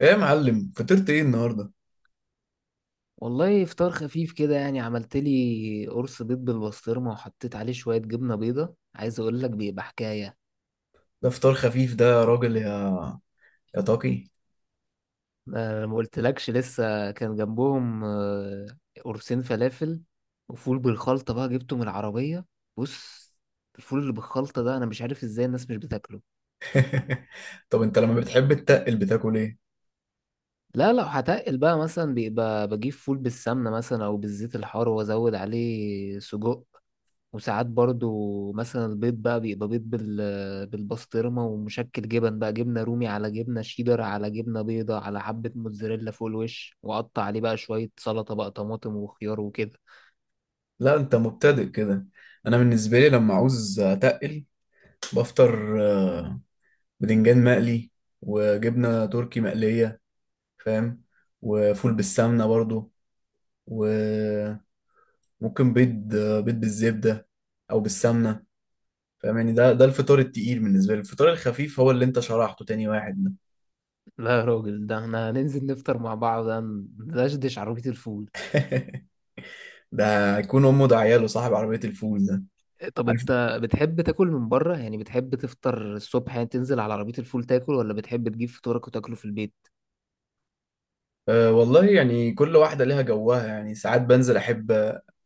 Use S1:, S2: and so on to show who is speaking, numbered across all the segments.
S1: ايه يا معلم، فطرت ايه النهارده؟
S2: والله، فطار خفيف كده. يعني عملت لي قرص بيض بالبسطرمة وحطيت عليه شوية جبنة بيضة. عايز اقول لك بيبقى حكاية.
S1: ده فطار خفيف ده يا راجل؟ يا طاقي.
S2: ما قلتلكش لسه كان جنبهم، قرصين فلافل وفول بالخلطة بقى جبته من العربية. بص، الفول اللي بالخلطة ده انا مش عارف ازاي الناس مش بتاكله.
S1: طب انت لما بتحب تتقل بتاكل ايه؟
S2: لا، لو هتقل بقى مثلا بيبقى بجيب فول بالسمنة مثلا او بالزيت الحار وازود عليه سجق. وساعات برضو مثلا البيض بقى بيبقى بيض بالبسطرمة ومشكل جبن بقى: جبنة رومي على جبنة شيدر على جبنة بيضة على حبة موتزاريلا فوق الوش، وقطع عليه بقى شوية سلطة بقى طماطم وخيار وكده.
S1: لا انت مبتدئ كده. انا بالنسبه لي لما عاوز اتقل بفطر بدنجان مقلي، وجبنه تركي مقليه، فاهم؟ وفول بالسمنه برضو. وممكن بيض، بيض بالزبده او بالسمنه، فاهم؟ يعني ده الفطار التقيل بالنسبه لي. الفطار الخفيف هو اللي انت شرحته، تاني واحد ده.
S2: لا يا راجل، ده احنا هننزل نفطر مع بعض ندشدش عربية الفول.
S1: ده هيكون امه ده عياله صاحب عربيه الفول ده.
S2: طب
S1: عارف،
S2: انت بتحب تاكل من بره؟ يعني بتحب تفطر الصبح يعني تنزل على عربية الفول تاكل، ولا بتحب تجيب فطورك وتاكله في البيت؟
S1: أه والله يعني كل واحدة ليها جوها. يعني ساعات بنزل أحب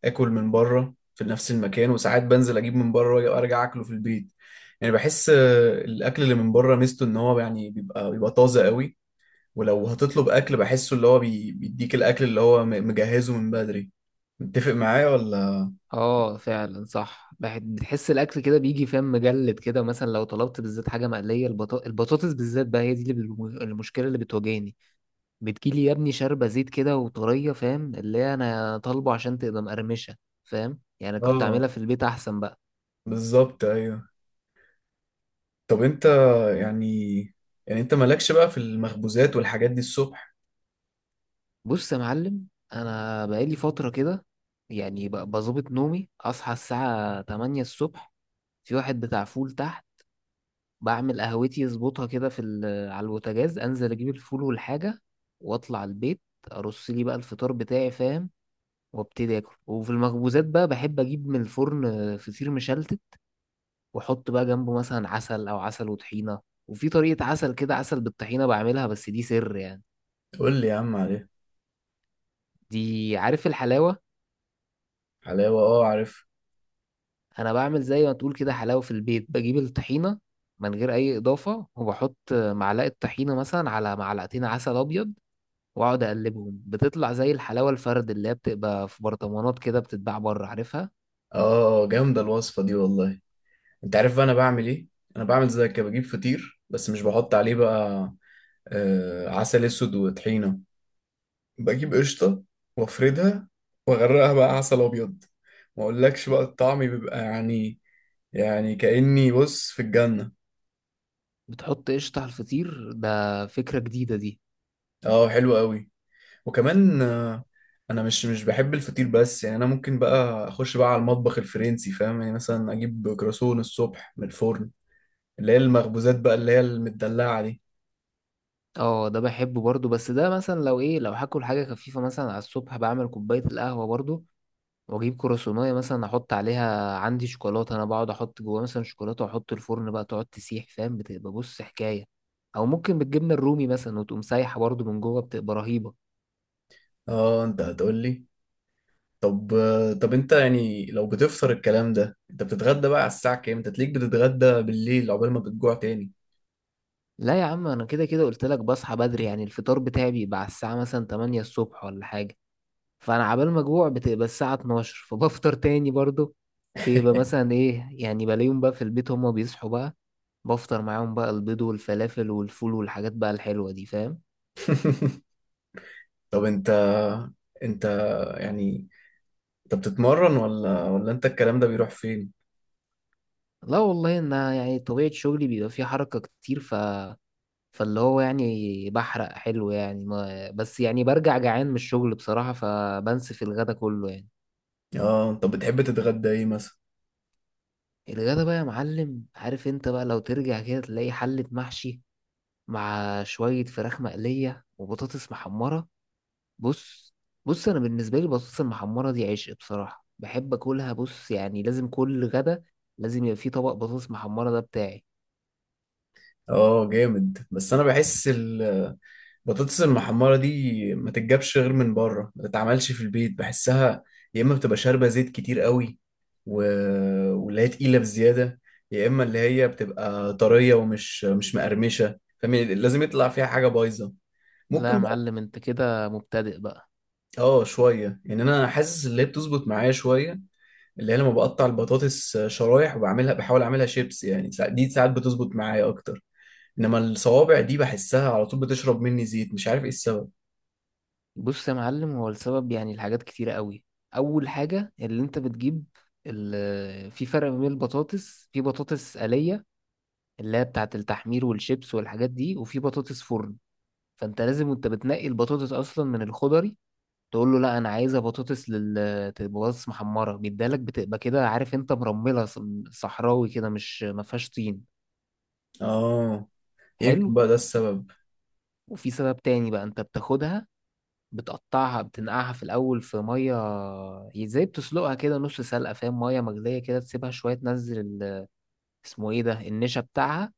S1: آكل من بره في نفس المكان، وساعات بنزل أجيب من بره وأرجع أكله في البيت. يعني بحس الأكل اللي من بره ميزته إن هو يعني بيبقى طازة قوي. ولو هتطلب أكل بحسه اللي هو بيديك الأكل اللي هو مجهزه من بدري. متفق معايا ولا؟
S2: اه، فعلا صح، بتحس الاكل كده بيجي فاهم مجلد كده، مثلا لو طلبت بالذات حاجه مقليه، البطاطس بالذات بقى هي دي اللي المشكله اللي بتواجهني. بتجيلي يا ابني شاربه زيت كده وطريه، فاهم؟ اللي هي انا طالبه عشان تبقى مقرمشه. فاهم؟ يعني كنت اعملها
S1: آه
S2: في البيت احسن بقى.
S1: بالظبط، أيوه. طب أنت يعني، يعني أنت مالكش بقى في المخبوزات والحاجات دي الصبح؟
S2: بص يا معلم، انا بقالي فتره كده، يعني بظبط نومي اصحى الساعه 8 الصبح. في واحد بتاع فول تحت، بعمل قهوتي اظبطها كده على البوتاجاز، انزل اجيب الفول والحاجه واطلع البيت. ارص لي بقى الفطار بتاعي، فاهم؟ وابتدي اكل. وفي المخبوزات بقى بحب اجيب من الفرن فطير مشلتت، واحط بقى جنبه مثلا عسل او عسل وطحينه. وفي طريقه عسل كده، عسل بالطحينه بعملها، بس دي سر يعني.
S1: قول لي يا عم عليها.
S2: دي عارف الحلاوه؟
S1: حلاوة، آه عارف.
S2: انا بعمل زي ما تقول كده حلاوه في البيت، بجيب الطحينه من غير اي اضافه، وبحط معلقه طحينه مثلا على معلقتين عسل ابيض، واقعد اقلبهم، بتطلع زي الحلاوه الفرد اللي هي بتبقى في برطمانات كده بتتباع بره، عارفها؟
S1: اه جامدة الوصفة دي والله. انت عارف بقى انا بعمل ايه؟ انا بعمل زي كده، بجيب فطير بس مش بحط عليه بقى آه عسل اسود وطحينة. بجيب قشطة وافردها واغرقها بقى عسل ابيض. ما اقولكش بقى الطعم بيبقى يعني، يعني كأني بص في الجنة.
S2: بتحط قشطه على الفطير؟ ده فكره جديده دي.
S1: اه حلو قوي. وكمان آه انا مش بحب الفطير، بس يعني انا ممكن بقى اخش بقى على المطبخ الفرنسي، فاهم؟ يعني مثلا اجيب كراسون الصبح من الفرن، اللي هي المخبوزات بقى اللي هي المدلعة دي.
S2: اه، ده بحبه برضو، بس ده مثلا لو ايه، لو هاكل حاجه خفيفه مثلا على الصبح بعمل كوبايه القهوه برضو، واجيب كرواسونيه مثلا احط عليها عندي شوكولاته، انا بقعد احط جواها مثلا شوكولاته واحط الفرن بقى تقعد تسيح، فاهم؟ بتبقى بص حكايه. او ممكن بالجبنه الرومي مثلا وتقوم سايحه برضو من جوه، بتبقى رهيبه.
S1: اه انت هتقول لي. طب، طب انت يعني لو بتفطر الكلام ده، انت بتتغدى بقى على الساعة كام؟ انت تليك بتتغدى بالليل عقبال ما بتجوع تاني؟
S2: لا يا عم، انا كده كده قلت لك بصحى بدري، يعني الفطار بتاعي بيبقى على الساعه مثلا 8 الصبح ولا حاجه. فانا عبال ما اجوع بتبقى الساعه 12، فبفطر تاني برضو. بيبقى مثلا ايه، يعني بلاقيهم بقى في البيت هما بيصحوا بقى، بفطر معاهم بقى البيض والفلافل والفول والحاجات بقى الحلوه دي، فاهم؟
S1: طب انت، انت يعني انت بتتمرن ولا انت الكلام ده بيروح فين؟
S2: لا والله، ان يعني طبيعه شغلي بيبقى فيه حركه كتير، فاللي هو يعني بحرق حلو يعني ما... بس يعني برجع جعان من الشغل بصراحه، فبنسف الغدا كله يعني.
S1: اه طب بتحب تتغدى ايه مثلا؟
S2: الغدا بقى يا معلم، عارف انت بقى لو ترجع كده تلاقي حلة محشي مع شوية فراخ مقلية وبطاطس محمرة. بص، بص، انا بالنسبة لي البطاطس المحمرة دي عشق بصراحة، بحب اكلها. بص يعني لازم كل غدا لازم يبقى فيه طبق بطاطس محمرة، ده بتاعي.
S1: اه جامد، بس انا بحس بطاطس المحمرة دي ما تتجابش غير من بره، ما تتعملش في البيت بحسها يا إما بتبقى شاربة زيت كتير قوي، و... واللي هي تقيلة بزيادة، يا إما اللي هي بتبقى طرية ومش مش مقرمشة، فاهم؟ يعني لازم يطلع فيها حاجة بايظة.
S2: لا يا
S1: ممكن بقى
S2: معلم، انت كده مبتدئ بقى.
S1: اه شوية، يعني أنا حاسس اللي هي بتظبط معايا شوية، اللي هي لما بقطع البطاطس شرايح وبعملها بحاول أعملها شيبس يعني، دي ساعات بتظبط معايا أكتر. إنما الصوابع دي بحسها على طول بتشرب مني زيت، مش عارف إيه السبب.
S2: بص يا معلم، هو السبب يعني الحاجات كتيرة قوي. اول حاجة اللي انت بتجيب، في فرق ما بين البطاطس، في بطاطس آلية اللي هي بتاعة التحمير والشيبس والحاجات دي، وفي بطاطس فرن. فانت لازم وانت بتنقي البطاطس اصلا من الخضري تقول له لا، انا عايزه بطاطس بطاطس محمره، بيدالك بتبقى كده، عارف، انت مرمله صحراوي كده مش ما فيهاش طين.
S1: اه
S2: حلو.
S1: يمكن بقى ده السبب.
S2: وفي سبب تاني بقى، انت بتاخدها بتقطعها، بتنقعها في الاول في ميه. ازاي؟ بتسلقها كده نص سلقه، فاهم؟ ميه مغليه كده تسيبها شويه تنزل اسمه ايه ده، النشا بتاعها.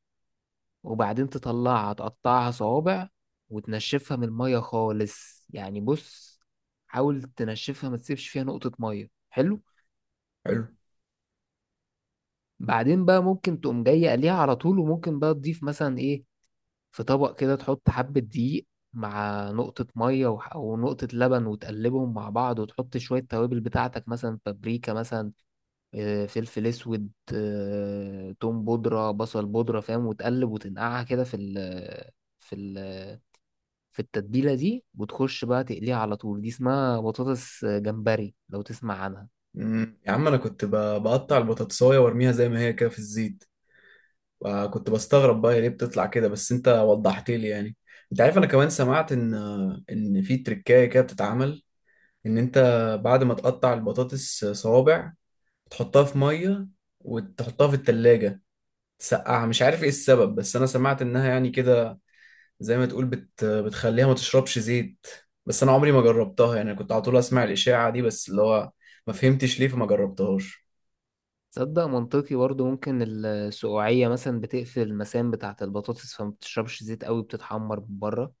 S2: وبعدين تطلعها تقطعها صوابع، وتنشفها من المية خالص، يعني بص، حاول تنشفها ما تسيبش فيها نقطة مية. حلو.
S1: حلو.
S2: بعدين بقى ممكن تقوم جاي قليها على طول، وممكن بقى تضيف مثلا ايه، في طبق كده تحط حبة دقيق مع نقطة مية ونقطة لبن، وتقلبهم مع بعض، وتحط شوية توابل بتاعتك مثلا بابريكا مثلا، فلفل اسود، توم بودرة بصل بودرة، فاهم؟ وتقلب وتنقعها كده في ال في التتبيلة دي، وتخش بقى تقليها على طول. دي اسمها بطاطس جمبري لو تسمع عنها.
S1: يا عم انا كنت بقطع البطاطسايه وارميها زي ما هي كده في الزيت، وكنت بستغرب بقى هي ليه بتطلع كده، بس انت وضحت لي يعني. انت عارف انا كمان سمعت ان، ان في تركايه كده بتتعمل، ان انت بعد ما تقطع البطاطس صوابع تحطها في ميه وتحطها في التلاجة تسقعها. مش عارف ايه السبب، بس انا سمعت انها يعني كده زي ما تقول بتخليها ما تشربش زيت. بس انا عمري ما جربتها، يعني كنت على طول اسمع الاشاعة دي، بس اللي هو ما فهمتش ليه فما جربتهاش.
S2: تصدق منطقي برضو، ممكن السقوعية مثلا بتقفل المسام بتاعة البطاطس فما بتشربش زيت قوي، بتتحمر من بره.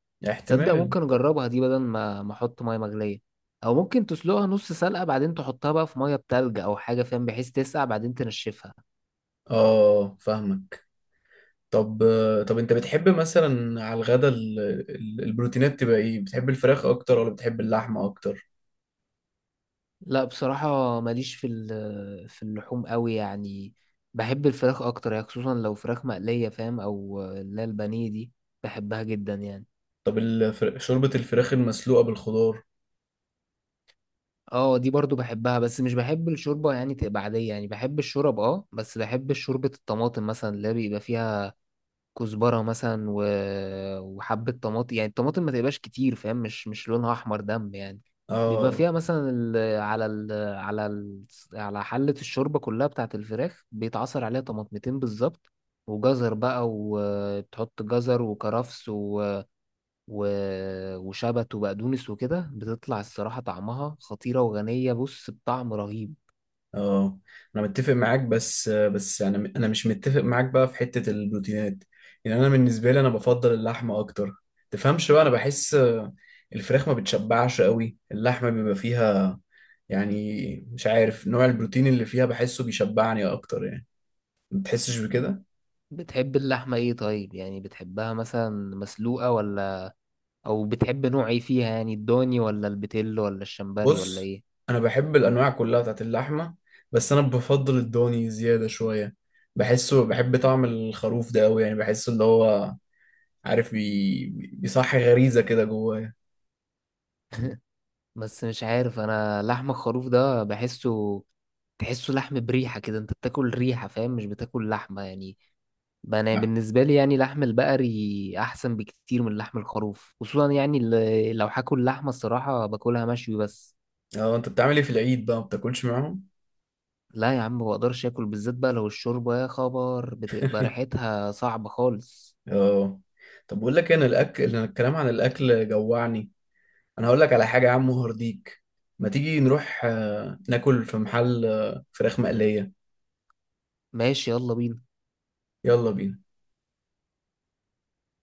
S2: تصدق
S1: احتمال.
S2: ممكن اجربها دي بدل ما احط مية مغلية. او ممكن تسلقها نص سلقة، بعدين تحطها بقى في مية بتلج او حاجة، فاهم؟ بحيث تسقع بعدين تنشفها.
S1: اه فاهمك. طب، طب انت بتحب مثلا على الغدا البروتينات تبقى ايه؟ بتحب الفراخ اكتر ولا بتحب اللحمة اكتر؟
S2: لا بصراحة، ماليش في اللحوم قوي يعني. بحب الفراخ أكتر يعني، خصوصا لو فراخ مقلية، فاهم؟ أو اللي هي البانيه دي، بحبها جدا يعني.
S1: طب شوربة الفراخ المسلوقة بالخضار؟
S2: اه، دي برضو بحبها، بس مش بحب الشوربة يعني تبقى عادية، يعني بحب الشورب اه، بس بحب شوربة الطماطم مثلا اللي بيبقى فيها كزبره مثلا وحبه طماطم. يعني الطماطم ما تبقاش كتير، فاهم؟ مش لونها احمر دم يعني. بيبقى
S1: اه.
S2: فيها مثلا على حله الشوربه كلها بتاعه الفراخ بيتعصر عليها طماطمتين بالظبط، وجزر بقى، وبتحط جزر وكرفس و... وشبت وبقدونس وكده، بتطلع الصراحه طعمها خطيره وغنيه، بص بطعم رهيب.
S1: اه انا متفق معاك، بس بس انا، انا مش متفق معاك بقى في حتة البروتينات. يعني انا بالنسبة لي انا بفضل اللحمة اكتر، تفهمش بقى؟ انا بحس الفراخ ما بتشبعش قوي، اللحمة بيبقى فيها يعني، مش عارف نوع البروتين اللي فيها بحسه بيشبعني اكتر يعني. ما بتحسش بكده؟
S2: بتحب اللحمه ايه طيب؟ يعني بتحبها مثلا مسلوقه او بتحب نوع ايه فيها، يعني الضاني ولا البتيل ولا الشمبري ولا
S1: بص،
S2: ايه؟
S1: انا بحب الانواع كلها بتاعت اللحمة، بس انا بفضل الضاني زيادة شوية. بحسه، بحب طعم الخروف ده قوي يعني، بحسه اللي هو عارف بيصحي غريزة كده جوايا.
S2: بس مش عارف، انا لحم الخروف ده تحسه لحم بريحة كده، انت بتاكل ريحة، فاهم؟ مش بتاكل لحمة يعني. بقى انا
S1: نعم.
S2: بالنسبة لي، يعني لحم البقري احسن بكتير من لحم الخروف. خصوصا يعني لو هاكل لحمة الصراحة باكلها مشوي بس.
S1: اه انت بتعمل ايه في العيد بقى؟ ما بتاكلش معاهم؟
S2: لا يا عم، ما بقدرش اكل، بالذات بقى لو الشوربة، يا خبر بتبقى ريحتها صعبة خالص.
S1: اه طب بقول لك إيه، انا الاكل، أنا الكلام عن الاكل جوعني. انا هقول لك على حاجه يا عم هرديك، ما تيجي نروح ناكل في محل فراخ مقليه.
S2: ماشي، يلا بينا.
S1: يلا بينا.